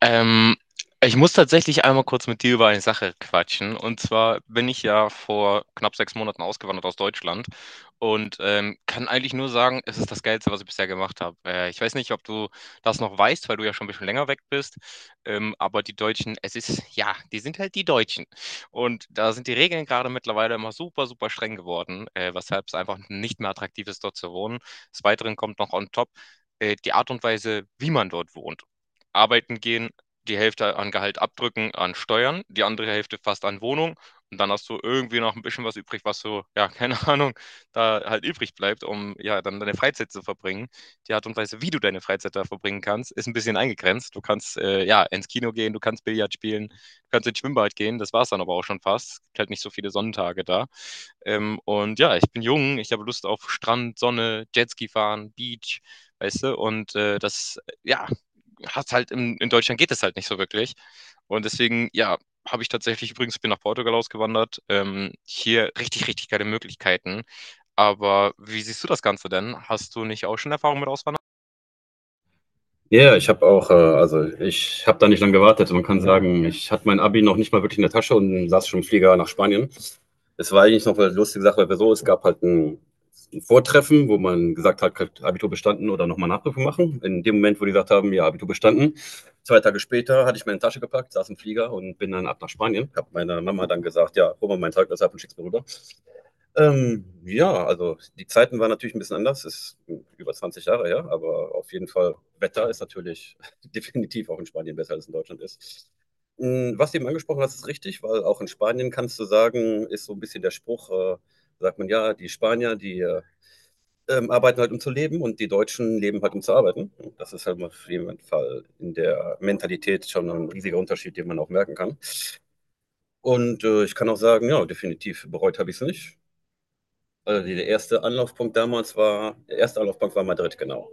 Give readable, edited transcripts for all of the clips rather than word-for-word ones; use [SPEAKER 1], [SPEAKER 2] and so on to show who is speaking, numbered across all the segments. [SPEAKER 1] Ähm, ich muss tatsächlich einmal kurz mit dir über eine Sache quatschen. Und zwar bin ich ja vor knapp 6 Monaten ausgewandert aus Deutschland und kann eigentlich nur sagen, es ist das Geilste, was ich bisher gemacht habe. Ich weiß nicht, ob du das noch weißt, weil du ja schon ein bisschen länger weg bist. Aber die Deutschen, es ist, ja, die sind halt die Deutschen. Und da sind die Regeln gerade mittlerweile immer super, super streng geworden, weshalb es einfach nicht mehr attraktiv ist, dort zu wohnen. Des Weiteren kommt noch on top die Art und Weise, wie man dort wohnt. Arbeiten gehen, die Hälfte an Gehalt abdrücken an Steuern, die andere Hälfte fast an Wohnung und dann hast du irgendwie noch ein bisschen was übrig, was so, ja, keine Ahnung, da halt übrig bleibt, um ja dann deine Freizeit zu verbringen. Die Art und Weise, wie du deine Freizeit da verbringen kannst, ist ein bisschen eingegrenzt. Du kannst ja ins Kino gehen, du kannst Billard spielen, du kannst ins Schwimmbad gehen, das war es dann aber auch schon fast. Es gibt halt nicht so viele Sonnentage da. Und ja, ich bin jung, ich habe Lust auf Strand, Sonne, Jetski fahren, Beach, weißt du, und das, ja, hast halt in Deutschland geht es halt nicht so wirklich. Und deswegen, ja, habe ich tatsächlich übrigens bin nach Portugal ausgewandert. Hier richtig, richtig geile Möglichkeiten. Aber wie siehst du das Ganze denn? Hast du nicht auch schon Erfahrung mit Auswandern?
[SPEAKER 2] Ja, ja, ich habe auch ich habe da nicht lange gewartet. Man kann sagen, ich hatte mein Abi noch nicht mal wirklich in der Tasche und saß schon im Flieger nach Spanien. Es war eigentlich noch eine lustige Sache, weil wir so, es gab halt ein Vortreffen, wo man gesagt hat, hat Abitur bestanden oder nochmal Nachprüfung machen. In dem Moment, wo die gesagt haben, ja, Abitur bestanden, 2 Tage später hatte ich meine Tasche gepackt, saß im Flieger und bin dann ab nach Spanien. Habe meiner Mama dann gesagt, ja, hol mal mein Zeugnis ab und schick's mir rüber. Ja, also die Zeiten waren natürlich ein bisschen anders, ist über 20 Jahre her, aber auf jeden Fall Wetter ist natürlich definitiv auch in Spanien besser als in Deutschland ist. Hm, was du eben angesprochen hast, ist richtig, weil auch in Spanien kannst du sagen ist so ein bisschen der Spruch, sagt man: „Ja, die Spanier, die arbeiten halt, um zu leben und die Deutschen leben halt, um zu arbeiten.“ Das ist halt auf jeden Fall in der Mentalität schon ein riesiger Unterschied, den man auch merken kann. Und, ich kann auch sagen, ja, definitiv bereut habe ich es nicht. Also die, der erste Anlaufpunkt damals war, Der erste Anlaufpunkt war Madrid, genau.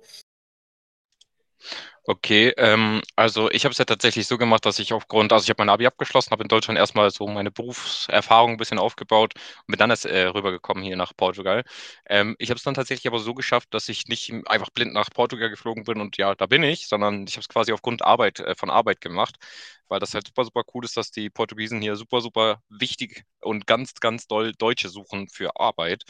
[SPEAKER 1] Okay, also ich habe es ja tatsächlich so gemacht, dass ich aufgrund, also ich habe mein Abi abgeschlossen, habe in Deutschland erstmal so meine Berufserfahrung ein bisschen aufgebaut und bin dann erst rübergekommen hier nach Portugal. Ich habe es dann tatsächlich aber so geschafft, dass ich nicht einfach blind nach Portugal geflogen bin und ja, da bin ich, sondern ich habe es quasi aufgrund Arbeit, von Arbeit gemacht, weil das halt super, super cool ist, dass die Portugiesen hier super, super wichtig und ganz, ganz doll Deutsche suchen für Arbeit.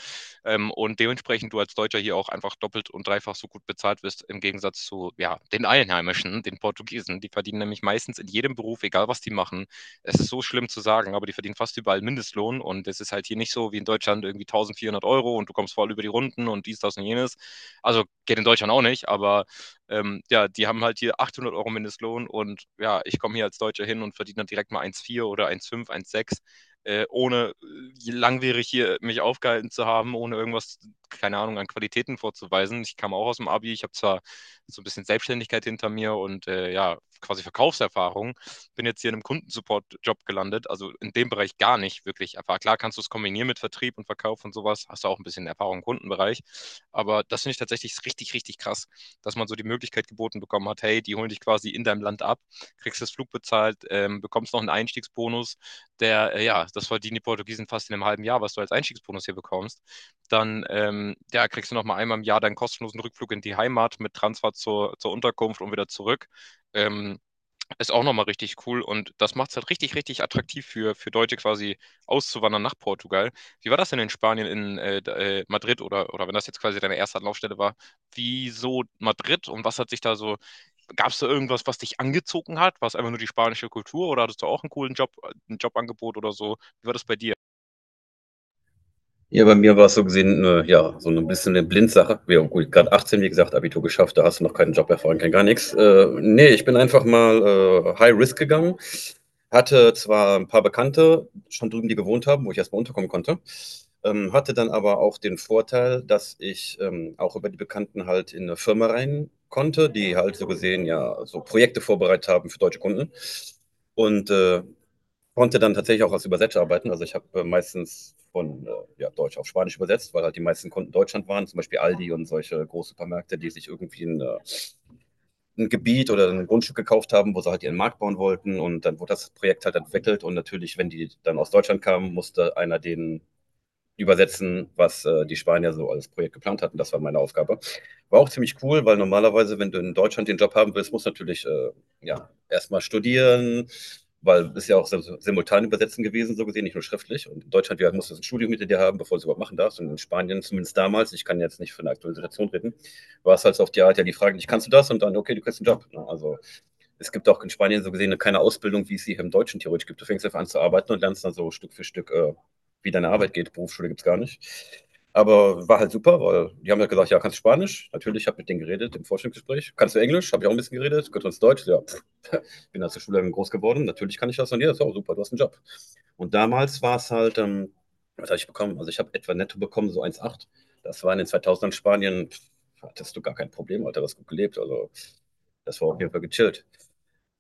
[SPEAKER 1] Und dementsprechend du als Deutscher hier auch einfach doppelt und dreifach so gut bezahlt wirst im Gegensatz zu ja, den Einheimischen, den Portugiesen. Die verdienen nämlich meistens in jedem Beruf, egal was die machen. Es ist so schlimm zu sagen, aber die verdienen fast überall Mindestlohn und es ist halt hier nicht so wie in Deutschland irgendwie 1400 Euro und du kommst voll über die Runden und dies, das und jenes. Also geht in Deutschland auch nicht, aber ja, die haben halt hier 800 Euro Mindestlohn und ja, ich komme hier als Deutscher hin und verdiene dann direkt mal 1,4 oder 1,5, 1,6 ohne langwierig hier mich aufgehalten zu haben, ohne irgendwas, keine Ahnung, an Qualitäten vorzuweisen. Ich kam auch aus dem Abi, ich habe zwar so ein bisschen Selbstständigkeit hinter mir und ja, quasi Verkaufserfahrung, bin jetzt hier in einem Kundensupport-Job gelandet, also in dem Bereich gar nicht wirklich. Einfach klar kannst du es kombinieren mit Vertrieb und Verkauf und sowas, hast du auch ein bisschen Erfahrung im Kundenbereich, aber das finde ich tatsächlich richtig, richtig krass, dass man so die Möglichkeit geboten bekommen hat, hey, die holen dich quasi in deinem Land ab, kriegst das Flug bezahlt, bekommst noch einen Einstiegsbonus, der, ja, das verdienen die Portugiesen fast in einem halben Jahr, was du als Einstiegsbonus hier bekommst, dann ja, kriegst du nochmal einmal im Jahr deinen kostenlosen Rückflug in die Heimat mit Transfer zur Unterkunft und wieder zurück. Ähm, ist auch nochmal richtig cool und das macht es halt richtig, richtig attraktiv für Deutsche quasi auszuwandern nach Portugal. Wie war das denn in Spanien, in Madrid oder wenn das jetzt quasi deine erste Anlaufstelle war? Wieso Madrid und was hat sich da so, gab es da irgendwas, was dich angezogen hat? War es einfach nur die spanische Kultur oder hattest du auch einen coolen Job, ein Jobangebot oder so? Wie war das bei dir?
[SPEAKER 2] Ja, bei mir war es so gesehen, ja, so ein bisschen eine Blindsache. Wir haben gut, gerade 18, wie gesagt, Abitur geschafft, da hast du noch keinen Job erfahren, kein gar nichts. Nee, ich bin einfach mal High Risk gegangen. Hatte zwar ein paar Bekannte schon drüben, die gewohnt haben, wo ich erstmal unterkommen konnte. Hatte dann aber auch den Vorteil, dass ich auch über die Bekannten halt in eine Firma rein konnte, die halt so gesehen ja so Projekte vorbereitet haben für deutsche Kunden. Und äh, Konnte dann tatsächlich auch als Übersetzer arbeiten. Also ich habe meistens von ja, Deutsch auf Spanisch übersetzt, weil halt die meisten Kunden Deutschland waren, zum Beispiel Aldi und solche Großsupermärkte, die sich irgendwie ein Gebiet oder ein Grundstück gekauft haben, wo sie halt ihren Markt bauen wollten. Und dann wurde das Projekt halt entwickelt. Und natürlich, wenn die dann aus Deutschland kamen, musste einer den übersetzen, was die Spanier so als Projekt geplant hatten. Das war meine Aufgabe. War auch ziemlich cool, weil normalerweise, wenn du in Deutschland den Job haben willst, musst du natürlich ja, erstmal studieren, weil es ja auch so, so simultan übersetzen gewesen, so gesehen, nicht nur schriftlich. Und in Deutschland musst du so ein Studium hinter dir haben, bevor du es überhaupt machen darfst. Und in Spanien, zumindest damals, ich kann jetzt nicht von der aktuellen Situation reden, war es halt so auf die Art, ja, die Frage: dich, kannst du das? Und dann, okay, du kriegst einen Job. Ne? Also es gibt auch in Spanien so gesehen keine Ausbildung, wie es sie hier im Deutschen theoretisch gibt. Du fängst einfach an zu arbeiten und lernst dann so Stück für Stück, wie deine Arbeit geht. Berufsschule gibt es gar nicht. Aber war halt super, weil die haben ja halt gesagt, ja, kannst du Spanisch? Natürlich, ich habe mit denen geredet im Vorstellungsgespräch. Kannst du Englisch? Habe ich auch ein bisschen geredet. Kannst du uns Deutsch? Ja, pff. Bin als Schüler groß geworden. Natürlich kann ich das. Und ja, so, super, du hast einen Job. Und damals war es halt, was habe ich bekommen? Also ich habe etwa netto bekommen, so 1,8. Das war in den 2000ern Spanien, pff, hattest du gar kein Problem, Alter, das gut gelebt. Also das war auf jeden Fall gechillt.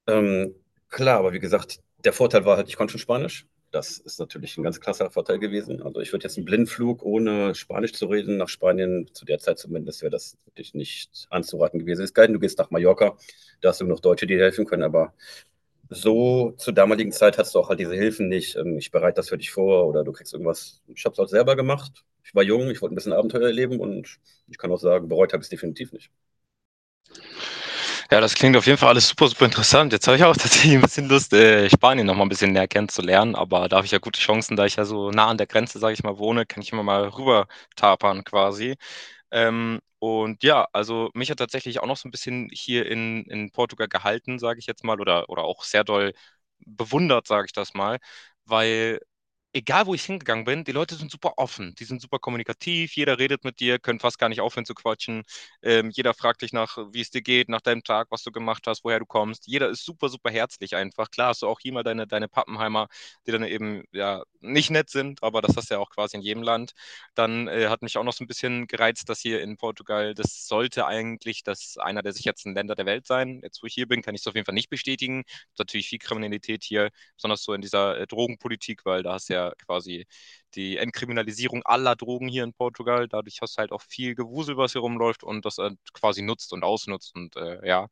[SPEAKER 2] Ähm, klar, aber wie gesagt, der Vorteil war halt, ich konnte schon Spanisch. Das ist natürlich ein ganz krasser Vorteil gewesen. Also ich würde jetzt einen Blindflug ohne Spanisch zu reden nach Spanien, zu der Zeit zumindest, wäre das wirklich nicht anzuraten gewesen. Ist geil, du gehst nach Mallorca, da hast du noch Deutsche, die dir helfen können, aber so zur damaligen Zeit hast du auch halt diese Hilfen nicht. Ich bereite das für dich vor oder du kriegst irgendwas. Ich habe es halt selber gemacht. Ich war jung, ich wollte ein bisschen Abenteuer erleben und ich kann auch sagen, bereut habe ich es definitiv nicht.
[SPEAKER 1] Ja, das klingt auf jeden Fall alles super, super interessant. Jetzt habe ich auch tatsächlich ein bisschen Lust, Spanien noch mal ein bisschen näher kennenzulernen, aber da habe ich ja gute Chancen, da ich ja so nah an der Grenze, sage ich mal, wohne, kann ich immer mal rüber tapern quasi. Und ja, also, mich hat tatsächlich auch noch so ein bisschen hier in Portugal gehalten, sage ich jetzt mal, oder auch sehr doll bewundert, sage ich das mal, weil egal wo ich hingegangen bin, die Leute sind super offen, die sind super kommunikativ, jeder redet mit dir, können fast gar nicht aufhören zu quatschen. Jeder fragt dich nach, wie es dir geht, nach deinem Tag, was du gemacht hast, woher du kommst. Jeder ist super, super herzlich einfach. Klar hast du auch hier mal deine Pappenheimer, die dann eben ja nicht nett sind, aber das hast du ja auch quasi in jedem Land. Dann hat mich auch noch so ein bisschen gereizt, dass hier in Portugal, das sollte eigentlich das einer der sichersten Länder der Welt sein. Jetzt, wo ich hier bin, kann ich es auf jeden Fall nicht bestätigen. Es gibt natürlich viel Kriminalität hier besonders so in dieser Drogenpolitik, weil da hast du ja quasi die Entkriminalisierung aller Drogen hier in Portugal. Dadurch hast du halt auch viel Gewusel, was hier rumläuft und das quasi nutzt und ausnutzt und ja.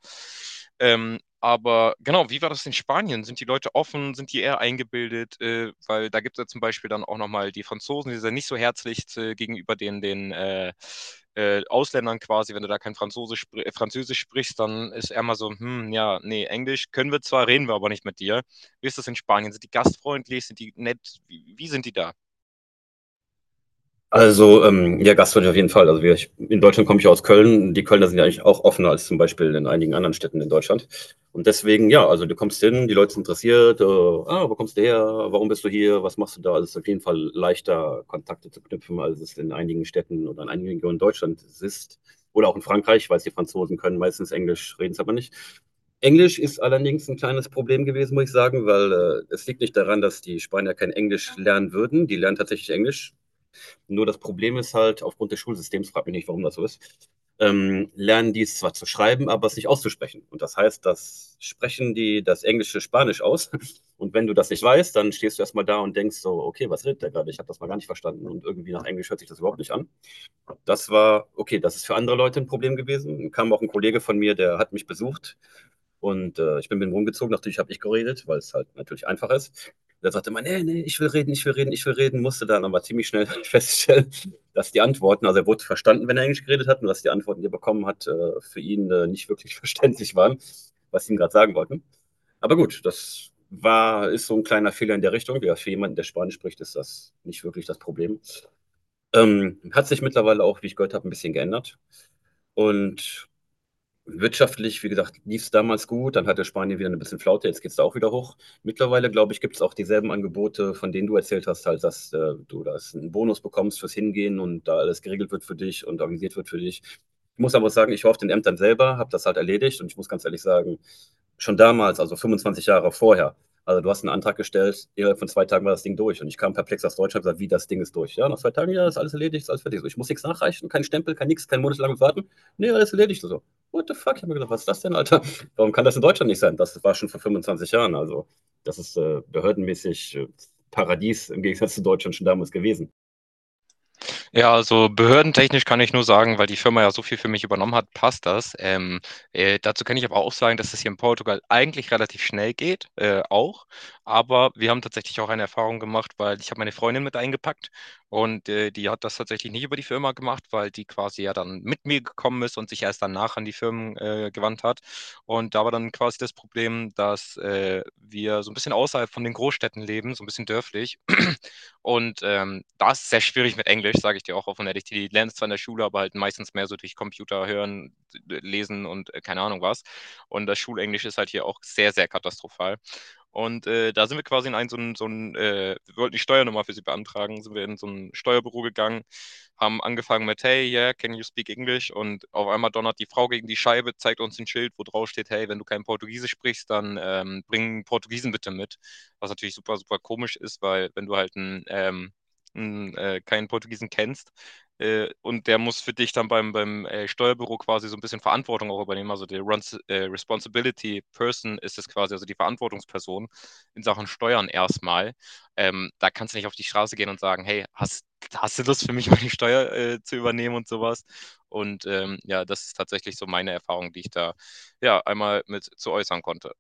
[SPEAKER 1] Aber genau, wie war das in Spanien? Sind die Leute offen? Sind die eher eingebildet? Weil da gibt es ja zum Beispiel dann auch nochmal die Franzosen, die sind ja nicht so herzlich gegenüber den Ausländern quasi. Wenn du da kein Franzose spr Französisch sprichst, dann ist er mal so, hm, ja, nee, Englisch können wir zwar, reden wir aber nicht mit dir. Wie ist das in Spanien? Sind die gastfreundlich? Sind die nett? Wie sind die da?
[SPEAKER 2] Also, ja, Gastfreundschaft auf jeden Fall. Also ich, in Deutschland komme ich ja aus Köln. Die Kölner sind ja eigentlich auch offener als zum Beispiel in einigen anderen Städten in Deutschland. Und deswegen, ja, also du kommst hin, die Leute sind interessiert. Ah, wo kommst du her? Warum bist du hier? Was machst du da? Also es ist auf jeden Fall leichter, Kontakte zu knüpfen, als es in einigen Städten oder in einigen Regionen Deutschlands ist. Oder auch in Frankreich. Ich weiß, die Franzosen können meistens Englisch, reden es aber nicht. Englisch ist allerdings ein kleines Problem gewesen, muss ich sagen, weil es liegt nicht daran, dass die Spanier kein Englisch lernen würden. Die lernen tatsächlich Englisch, nur das Problem ist halt, aufgrund des Schulsystems, frag mich nicht, warum das so ist, lernen die es zwar zu schreiben, aber es nicht auszusprechen. Und das heißt, das sprechen die das Englische Spanisch aus. Und wenn du das nicht weißt, dann stehst du erstmal da und denkst so, okay, was redet der gerade? Ich habe das mal gar nicht verstanden. Und irgendwie nach Englisch hört sich das überhaupt nicht an. Das war, okay, das ist für andere Leute ein Problem gewesen. Dann kam auch ein Kollege von mir, der hat mich besucht und ich bin mit ihm rumgezogen. Natürlich habe ich geredet, weil es halt natürlich einfach ist. Der sagte immer: nee, nee, ich will reden, ich will reden, ich will reden. Musste dann aber ziemlich schnell feststellen, dass die Antworten, also er wurde verstanden, wenn er Englisch geredet hat, und dass die Antworten, die er bekommen hat, für ihn nicht wirklich verständlich waren, was sie ihm gerade sagen wollten. Aber gut, das war, ist so ein kleiner Fehler in der Richtung. Ja, für jemanden, der Spanisch spricht, ist das nicht wirklich das Problem. Hat sich mittlerweile auch, wie ich gehört habe, ein bisschen geändert und wirtschaftlich, wie gesagt, lief es damals gut, dann hatte Spanien wieder ein bisschen Flaute, jetzt geht's da auch wieder hoch. Mittlerweile, glaube ich, gibt es auch dieselben Angebote, von denen du erzählt hast halt, dass, du da einen Bonus bekommst fürs Hingehen und da alles geregelt wird für dich und organisiert wird für dich. Ich muss aber sagen, ich war auf den Ämtern selber, habe das halt erledigt und ich muss ganz ehrlich sagen, schon damals, also 25 Jahre vorher, also du hast einen Antrag gestellt, innerhalb von 2 Tagen war das Ding durch und ich kam perplex aus Deutschland, und gesagt: „Wie, das Ding ist durch?“ „Ja, nach 2 Tagen, ja, ist alles erledigt, ist alles fertig.“ So: „Ich muss nichts nachreichen, kein Stempel, kein nix, kein monatelanges Warten. Ne, alles erledigt.“ So. What the fuck? Ich habe mir gedacht, was ist das denn, Alter? Warum kann das in Deutschland nicht sein? Das war schon vor 25 Jahren. Also, das ist behördenmäßig Paradies im Gegensatz zu Deutschland schon damals gewesen.
[SPEAKER 1] Ja, also behördentechnisch kann ich nur sagen, weil die Firma ja so viel für mich übernommen hat, passt das. Dazu kann ich aber auch sagen, dass es hier in Portugal eigentlich relativ schnell geht, auch. Aber wir haben tatsächlich auch eine Erfahrung gemacht, weil ich habe meine Freundin mit eingepackt und die hat das tatsächlich nicht über die Firma gemacht, weil die quasi ja dann mit mir gekommen ist und sich erst danach an die Firmen gewandt hat. Und da war dann quasi das Problem, dass wir so ein bisschen außerhalb von den Großstädten leben, so ein bisschen dörflich und da ist es sehr schwierig mit Englisch, sage ich dir auch offen ehrlich. Die lernen es zwar in der Schule, aber halt meistens mehr so durch Computer hören, lesen und keine Ahnung was. Und das Schulenglisch ist halt hier auch sehr, sehr katastrophal. Und da sind wir quasi in einen, so ein wir wollten die Steuernummer für sie beantragen, sind wir in so ein Steuerbüro gegangen, haben angefangen mit, hey, yeah, can you speak English? Und auf einmal donnert die Frau gegen die Scheibe, zeigt uns ein Schild, wo drauf steht, hey, wenn du kein Portugiesisch sprichst, dann bring Portugiesen bitte mit. Was natürlich super, super komisch ist, weil wenn du halt keinen Portugiesen kennst, und der muss für dich dann beim Steuerbüro quasi so ein bisschen Verantwortung auch übernehmen. Also der Responsibility Person ist es quasi, also die Verantwortungsperson in Sachen Steuern erstmal. Da kannst du nicht auf die Straße gehen und sagen, hey, hast du Lust für mich, meine Steuer zu übernehmen und sowas? Und ja, das ist tatsächlich so meine Erfahrung, die ich da ja einmal mit zu äußern konnte.